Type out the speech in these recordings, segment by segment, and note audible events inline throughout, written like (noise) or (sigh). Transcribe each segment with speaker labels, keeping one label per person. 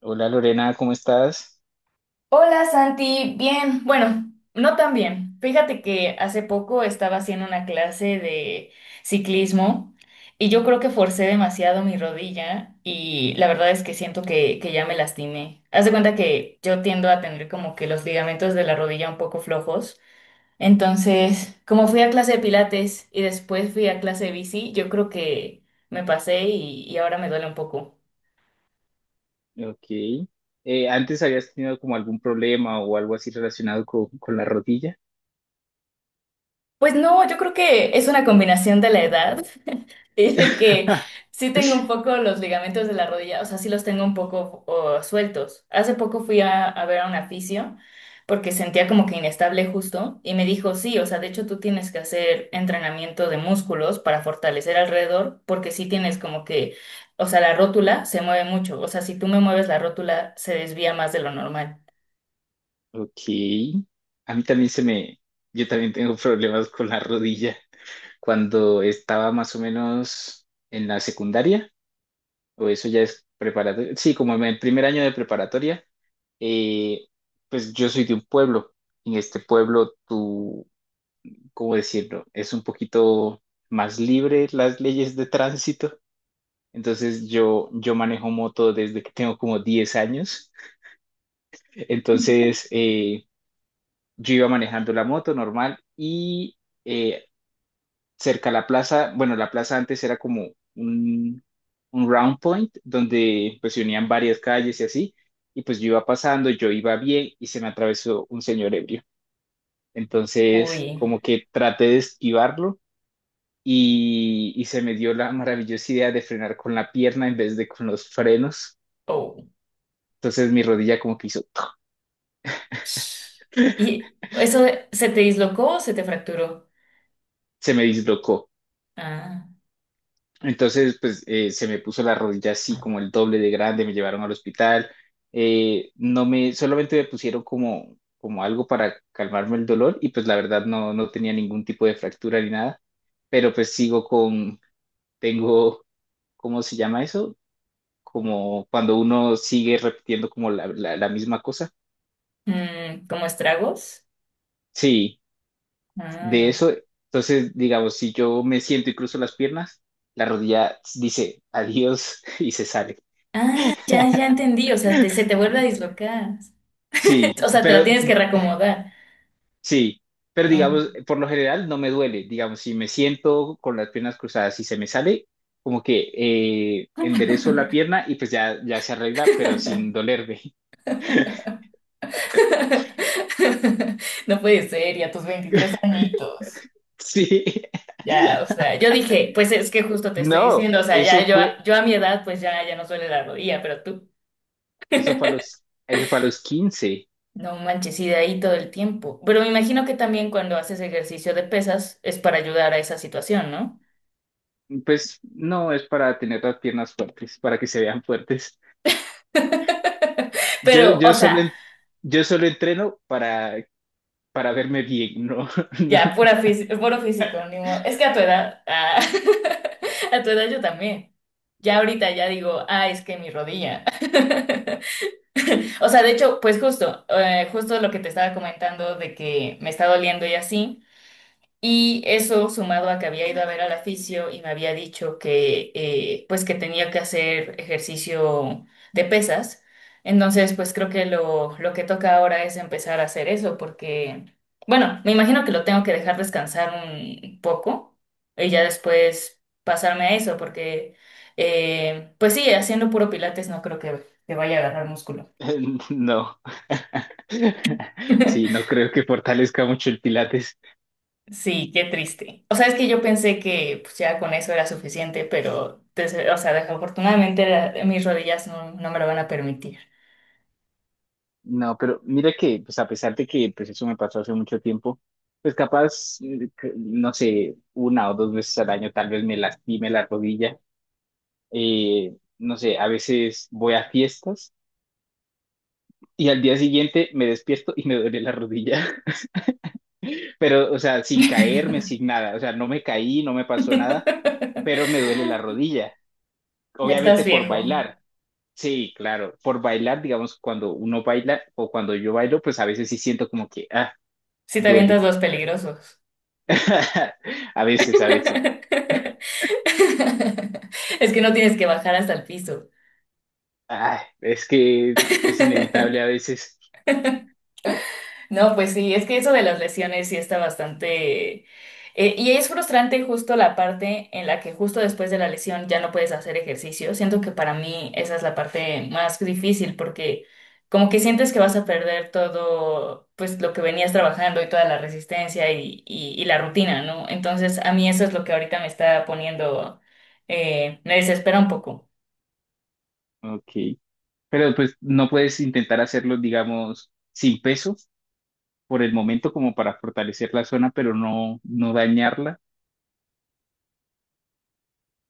Speaker 1: Hola Lorena, ¿cómo estás?
Speaker 2: Hola Santi, bien, bueno, no tan bien. Fíjate que hace poco estaba haciendo una clase de ciclismo y yo creo que forcé demasiado mi rodilla y la verdad es que siento que ya me lastimé. Haz de cuenta que yo tiendo a tener como que los ligamentos de la rodilla un poco flojos. Entonces, como fui a clase de pilates y después fui a clase de bici, yo creo que me pasé y ahora me duele un poco.
Speaker 1: Ok. ¿Antes habías tenido como algún problema o algo así relacionado con la rodilla?
Speaker 2: Pues no, yo creo que es una combinación de la edad. (laughs) Tiene que,
Speaker 1: (laughs)
Speaker 2: sí tengo un poco los ligamentos de la rodilla, o sea, sí los tengo un poco o, sueltos. Hace poco fui a ver a un fisio porque sentía como que inestable justo y me dijo, sí, o sea, de hecho tú tienes que hacer entrenamiento de músculos para fortalecer alrededor porque sí tienes como que, o sea, la rótula se mueve mucho, o sea, si tú me mueves la rótula se desvía más de lo normal.
Speaker 1: Ok. A mí también se me, Yo también tengo problemas con la rodilla. Cuando estaba más o menos en la secundaria, o eso ya es preparatoria, sí, como en el primer año de preparatoria, eh, pues yo soy de un pueblo. En este pueblo, tú, ¿cómo decirlo? Es un poquito más libre las leyes de tránsito. Entonces yo manejo moto desde que tengo como 10 años. Entonces yo iba manejando la moto normal y eh, cerca a la plaza, bueno, la plaza antes era como un, un round point donde pues se unían varias calles y así. Y pues yo iba pasando, yo iba bien y se me atravesó un señor ebrio. Entonces
Speaker 2: Uy,
Speaker 1: como que traté de esquivarlo y se me dio la maravillosa idea de frenar con la pierna en vez de con los frenos.
Speaker 2: oh.
Speaker 1: Entonces mi rodilla como que hizo, ¡toc!
Speaker 2: ¿Y eso se te dislocó o se te fracturó?
Speaker 1: Se me dislocó.
Speaker 2: Ah.
Speaker 1: Entonces, pues se me puso la rodilla así como el doble de grande, me llevaron al hospital. No me, solamente me pusieron como algo para calmarme el dolor y pues la verdad no tenía ningún tipo de fractura ni nada, pero pues tengo, ¿cómo se llama eso? Como cuando uno sigue repitiendo como la misma cosa.
Speaker 2: Mm, ¿como estragos?
Speaker 1: Sí. De
Speaker 2: Ah.
Speaker 1: eso, entonces, digamos, si yo me siento y cruzo las piernas, la rodilla dice adiós (laughs) y se sale.
Speaker 2: Ah, ya, ya entendí. O sea, se te vuelve a dislocar. (laughs) O
Speaker 1: Sí,
Speaker 2: sea, te la
Speaker 1: pero
Speaker 2: tienes que reacomodar.
Speaker 1: sí, pero
Speaker 2: No.
Speaker 1: digamos, por lo general no me duele. Digamos, si me siento con las piernas cruzadas y se me sale, como que enderezo la pierna y pues ya se arregla, pero
Speaker 2: (laughs)
Speaker 1: sin dolerme. (laughs)
Speaker 2: No puede ser, y a tus 23 añitos.
Speaker 1: Sí,
Speaker 2: Ya, o sea, yo dije, pues es que justo te estoy
Speaker 1: no,
Speaker 2: diciendo, o sea, ya yo, yo a mi edad, pues ya, ya no duele la rodilla, pero tú,
Speaker 1: eso fue a los, eso fue a los 15.
Speaker 2: no manches, y de ahí todo el tiempo. Pero me imagino que también cuando haces ejercicio de pesas es para ayudar a esa situación, ¿no?
Speaker 1: Pues no, es para tener las piernas fuertes, para que se vean fuertes. Yo,
Speaker 2: Pero, o
Speaker 1: yo solo,
Speaker 2: sea,
Speaker 1: en- yo solo entreno para verme bien, ¿no?
Speaker 2: ya,
Speaker 1: (laughs)
Speaker 2: puro físico, ni modo. Es que a tu edad, ah, (laughs) a tu edad yo también. Ya ahorita ya digo, ah, es que mi rodilla. (laughs) O sea, de hecho, pues justo, justo lo que te estaba comentando de que me está doliendo y así. Y eso sumado a que había ido a ver al aficio y me había dicho que pues que tenía que hacer ejercicio de pesas. Entonces, pues creo que lo que toca ahora es empezar a hacer eso, porque, bueno, me imagino que lo tengo que dejar descansar un poco y ya después pasarme a eso, porque pues sí, haciendo puro pilates no creo que vaya a agarrar músculo.
Speaker 1: No. (laughs) Sí,
Speaker 2: (laughs)
Speaker 1: no creo que fortalezca mucho el Pilates.
Speaker 2: Sí, qué triste. O sea, es que yo pensé que pues, ya con eso era suficiente, pero, o sea, desafortunadamente mis rodillas no, no me lo van a permitir.
Speaker 1: No, pero mira que, pues a pesar de que pues eso me pasó hace mucho tiempo, pues capaz, no sé, una o dos veces al año tal vez me lastime la rodilla. No sé, a veces voy a fiestas y al día siguiente me despierto y me duele la rodilla. Pero, o sea, sin caerme, sin nada, o sea, no me caí, no me pasó nada, pero
Speaker 2: (laughs)
Speaker 1: me duele la rodilla,
Speaker 2: Ya estás
Speaker 1: obviamente por
Speaker 2: viejo.
Speaker 1: bailar. Sí, claro, por bailar, digamos, cuando uno baila o cuando yo bailo, pues a veces sí siento como que, ah,
Speaker 2: Si te avientas
Speaker 1: duele.
Speaker 2: los peligrosos.
Speaker 1: (laughs) A veces, a veces.
Speaker 2: (laughs) Es que no tienes que bajar hasta el piso.
Speaker 1: Ah, es que es inevitable a veces.
Speaker 2: No, pues sí, es que eso de las lesiones sí está bastante... y es frustrante justo la parte en la que justo después de la lesión ya no puedes hacer ejercicio. Siento que para mí esa es la parte más difícil porque como que sientes que vas a perder todo, pues lo que venías trabajando y toda la resistencia y la rutina, ¿no? Entonces a mí eso es lo que ahorita me está poniendo, me desespera un poco.
Speaker 1: Ok. Pero pues no puedes intentar hacerlo, digamos, sin peso por el momento como para fortalecer la zona, pero no, no dañarla.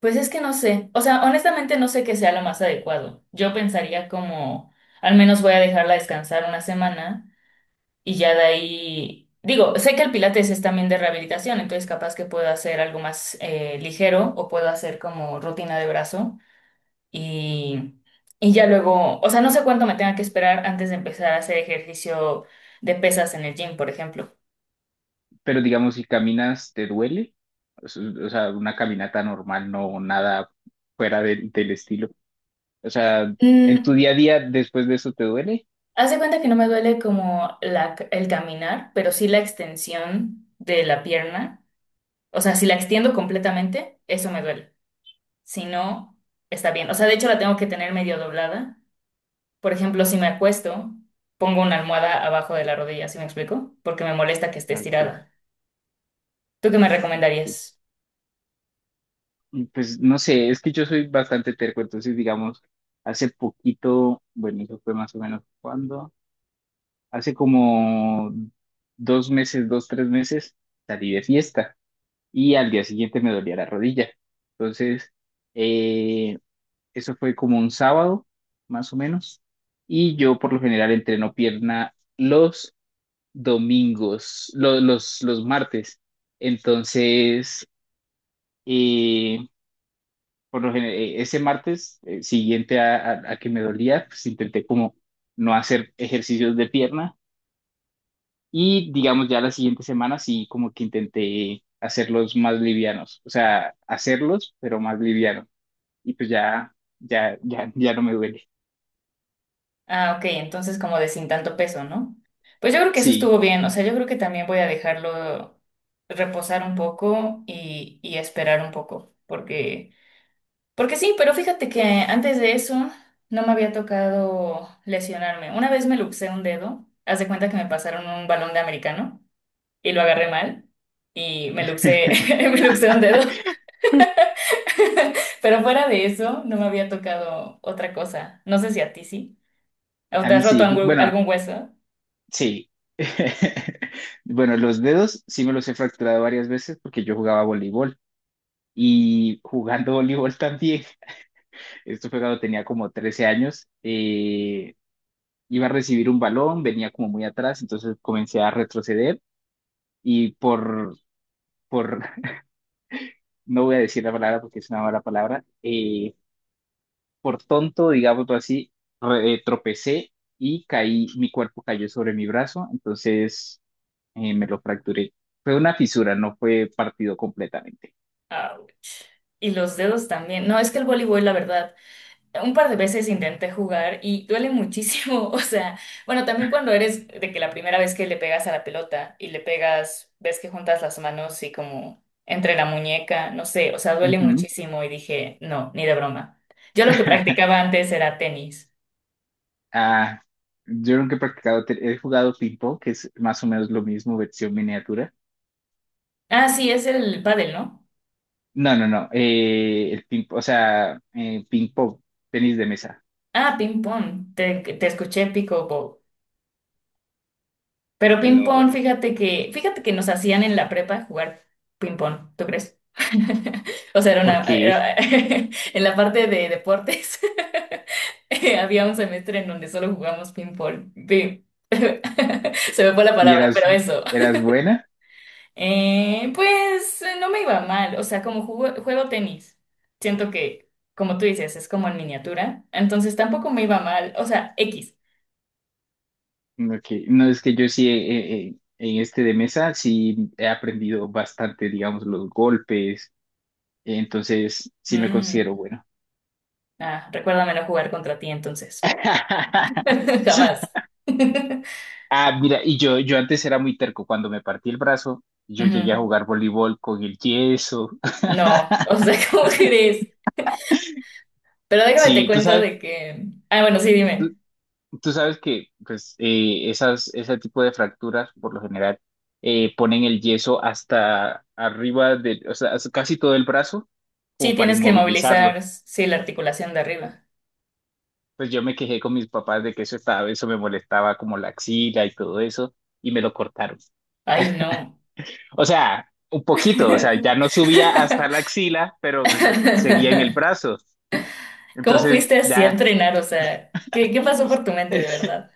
Speaker 2: Pues es que no sé, o sea, honestamente no sé qué sea lo más adecuado. Yo pensaría como, al menos voy a dejarla descansar una semana y ya de ahí, digo, sé que el pilates es también de rehabilitación, entonces capaz que puedo hacer algo más ligero o puedo hacer como rutina de brazo y, y ya luego, o sea, no sé cuánto me tenga que esperar antes de empezar a hacer ejercicio de pesas en el gym, por ejemplo.
Speaker 1: Pero digamos, si caminas, ¿te duele? O sea, una caminata normal, no nada fuera del estilo. O sea, ¿en tu día a día después de eso te duele?
Speaker 2: Haz de cuenta que no me duele como el caminar, pero sí la extensión de la pierna. O sea, si la extiendo completamente, eso me duele. Si no, está bien. O sea, de hecho la tengo que tener medio doblada. Por ejemplo, si me acuesto, pongo una almohada abajo de la rodilla, ¿sí me explico? Porque me molesta que esté
Speaker 1: Ok,
Speaker 2: estirada. ¿Tú qué me
Speaker 1: ok.
Speaker 2: recomendarías?
Speaker 1: Y pues no sé, es que yo soy bastante terco, entonces digamos, hace poquito, bueno, eso fue más o menos cuando, hace como 2 meses, 2, 3 meses, salí de fiesta y al día siguiente me dolía la rodilla. Entonces, eh, Eso fue como un sábado, más o menos. Y yo por lo general entreno pierna los domingos, los martes. Entonces, eh, por lo general, ese martes siguiente a que me dolía, pues intenté como no hacer ejercicios de pierna. Y digamos ya la siguiente semana sí como que intenté hacerlos más livianos. O sea, hacerlos, pero más livianos. Y pues ya no me duele.
Speaker 2: Ah, ok, entonces como de sin tanto peso, ¿no? Pues yo creo que eso
Speaker 1: Sí.
Speaker 2: estuvo bien. O sea, yo creo que también voy a dejarlo reposar un poco y esperar un poco, porque... Porque sí, pero fíjate que antes de eso no me había tocado lesionarme. Una vez me luxé un dedo, haz de cuenta que me pasaron un balón de americano y lo agarré mal y me luxé, (laughs)
Speaker 1: (laughs)
Speaker 2: me luxé un dedo. Pero fuera de eso no me había tocado otra cosa. No sé si a ti sí. ¿O
Speaker 1: A
Speaker 2: te
Speaker 1: mí
Speaker 2: has roto
Speaker 1: sí,
Speaker 2: algún
Speaker 1: bueno,
Speaker 2: algún hueso?
Speaker 1: sí. (laughs) Bueno, los dedos sí me los he fracturado varias veces porque yo jugaba voleibol y jugando voleibol también, (laughs) esto fue cuando tenía como 13 años, iba a recibir un balón, venía como muy atrás, entonces comencé a retroceder y por, (laughs) no voy a decir la palabra porque es una mala palabra, por tonto, digámoslo así, tropecé y caí, mi cuerpo cayó sobre mi brazo, entonces... me lo fracturé. Fue una fisura, no fue partido completamente.
Speaker 2: Ouch. Y los dedos también. No, es que el voleibol, la verdad. Un par de veces intenté jugar y duele muchísimo, (laughs) o sea, bueno, también cuando eres de que la primera vez que le pegas a la pelota y le pegas, ves que juntas las manos y como entre la muñeca, no sé, o sea, duele
Speaker 1: Ujú.
Speaker 2: muchísimo y dije, no, ni de broma. Yo lo que
Speaker 1: (laughs)
Speaker 2: practicaba antes era tenis.
Speaker 1: Ah, yo nunca he practicado, he jugado ping-pong, que es más o menos lo mismo, versión miniatura.
Speaker 2: Ah, sí, es el pádel, ¿no?
Speaker 1: No, no, no, o sea, ping-pong, tenis de mesa.
Speaker 2: Ah, ping pong, te escuché pico. Pero ping
Speaker 1: No.
Speaker 2: pong, fíjate que nos hacían en la prepa jugar ping pong, ¿tú crees? (laughs) O sea,
Speaker 1: ¿Por qué?
Speaker 2: (laughs) en la parte de deportes (laughs) había un semestre en donde solo jugamos ping pong. (laughs) Se me fue la
Speaker 1: ¿Y
Speaker 2: palabra, pero
Speaker 1: eras,
Speaker 2: eso. (laughs)
Speaker 1: eras buena?
Speaker 2: Pues no me iba mal, o sea, juego tenis, siento que, como tú dices, es como en miniatura, entonces tampoco me iba mal, o sea, X.
Speaker 1: Ok, no, es que yo sí, en este de mesa, sí he aprendido bastante, digamos, los golpes, entonces sí me considero
Speaker 2: Mm,
Speaker 1: bueno.
Speaker 2: ah, recuérdamelo jugar contra ti entonces. (laughs) Jamás.
Speaker 1: (laughs)
Speaker 2: (laughs) Ujú.
Speaker 1: Ah, mira, y yo antes era muy terco. Cuando me partí el brazo, yo llegué a jugar voleibol con el yeso.
Speaker 2: No,
Speaker 1: (laughs)
Speaker 2: o sea, (laughs) ¿cómo crees? Pero déjame te
Speaker 1: Sí, tú
Speaker 2: cuento de
Speaker 1: sabes,
Speaker 2: que... Ah, bueno, sí, dime.
Speaker 1: tú, tú sabes que pues, ese tipo de fracturas, por lo general, ponen el yeso hasta arriba de, o sea, hasta casi todo el brazo,
Speaker 2: Sí,
Speaker 1: como para
Speaker 2: tienes que
Speaker 1: inmovilizarlo.
Speaker 2: movilizar, sí, la articulación de arriba.
Speaker 1: Pues yo me quejé con mis papás de que eso me molestaba como la axila y todo eso, y me lo cortaron.
Speaker 2: Ay, no.
Speaker 1: O sea, un poquito, o sea, ya no subía hasta la
Speaker 2: (laughs)
Speaker 1: axila, pero pues seguía en el brazo.
Speaker 2: ¿Cómo
Speaker 1: Entonces,
Speaker 2: fuiste así a
Speaker 1: ya,
Speaker 2: entrenar? O sea, qué pasó por tu mente, de
Speaker 1: (laughs)
Speaker 2: verdad?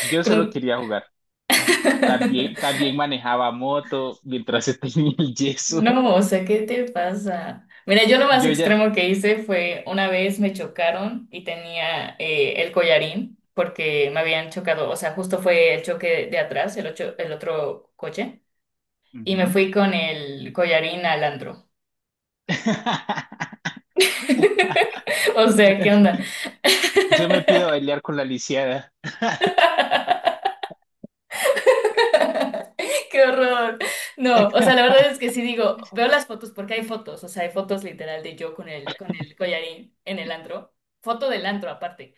Speaker 1: yo solo
Speaker 2: Con-
Speaker 1: quería jugar.
Speaker 2: (laughs)
Speaker 1: También, también manejaba moto mientras (laughs) tenía el yeso.
Speaker 2: No, o sea, ¿qué te pasa? Mira, yo lo más
Speaker 1: Yo ya...
Speaker 2: extremo que hice fue una vez me chocaron y tenía el collarín porque me habían chocado, o sea, justo fue el choque de atrás, el otro coche, y me
Speaker 1: Ujú.
Speaker 2: fui con el collarín al andro.
Speaker 1: (laughs)
Speaker 2: (laughs) O sea, ¿qué onda?
Speaker 1: Yo me pido bailar con la lisiada.
Speaker 2: (laughs) ¡Qué horror! No, o sea, la
Speaker 1: (laughs)
Speaker 2: verdad es que sí digo, veo las fotos porque hay fotos, o sea, hay fotos literal de yo con con el collarín en el antro, foto del antro aparte.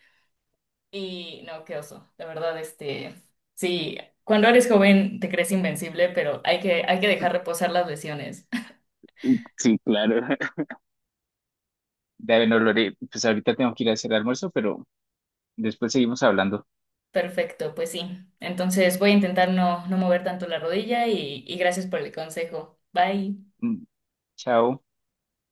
Speaker 2: Y no, qué oso. La verdad, este, sí, cuando eres joven te crees invencible, pero hay que dejar reposar las lesiones.
Speaker 1: Sí, claro. Dale, no, Lore, pues ahorita tengo que ir a hacer almuerzo, pero después seguimos hablando.
Speaker 2: (laughs) Perfecto, pues sí. Entonces voy a intentar no, no mover tanto la rodilla y gracias por el consejo. Bye.
Speaker 1: Mm, chao.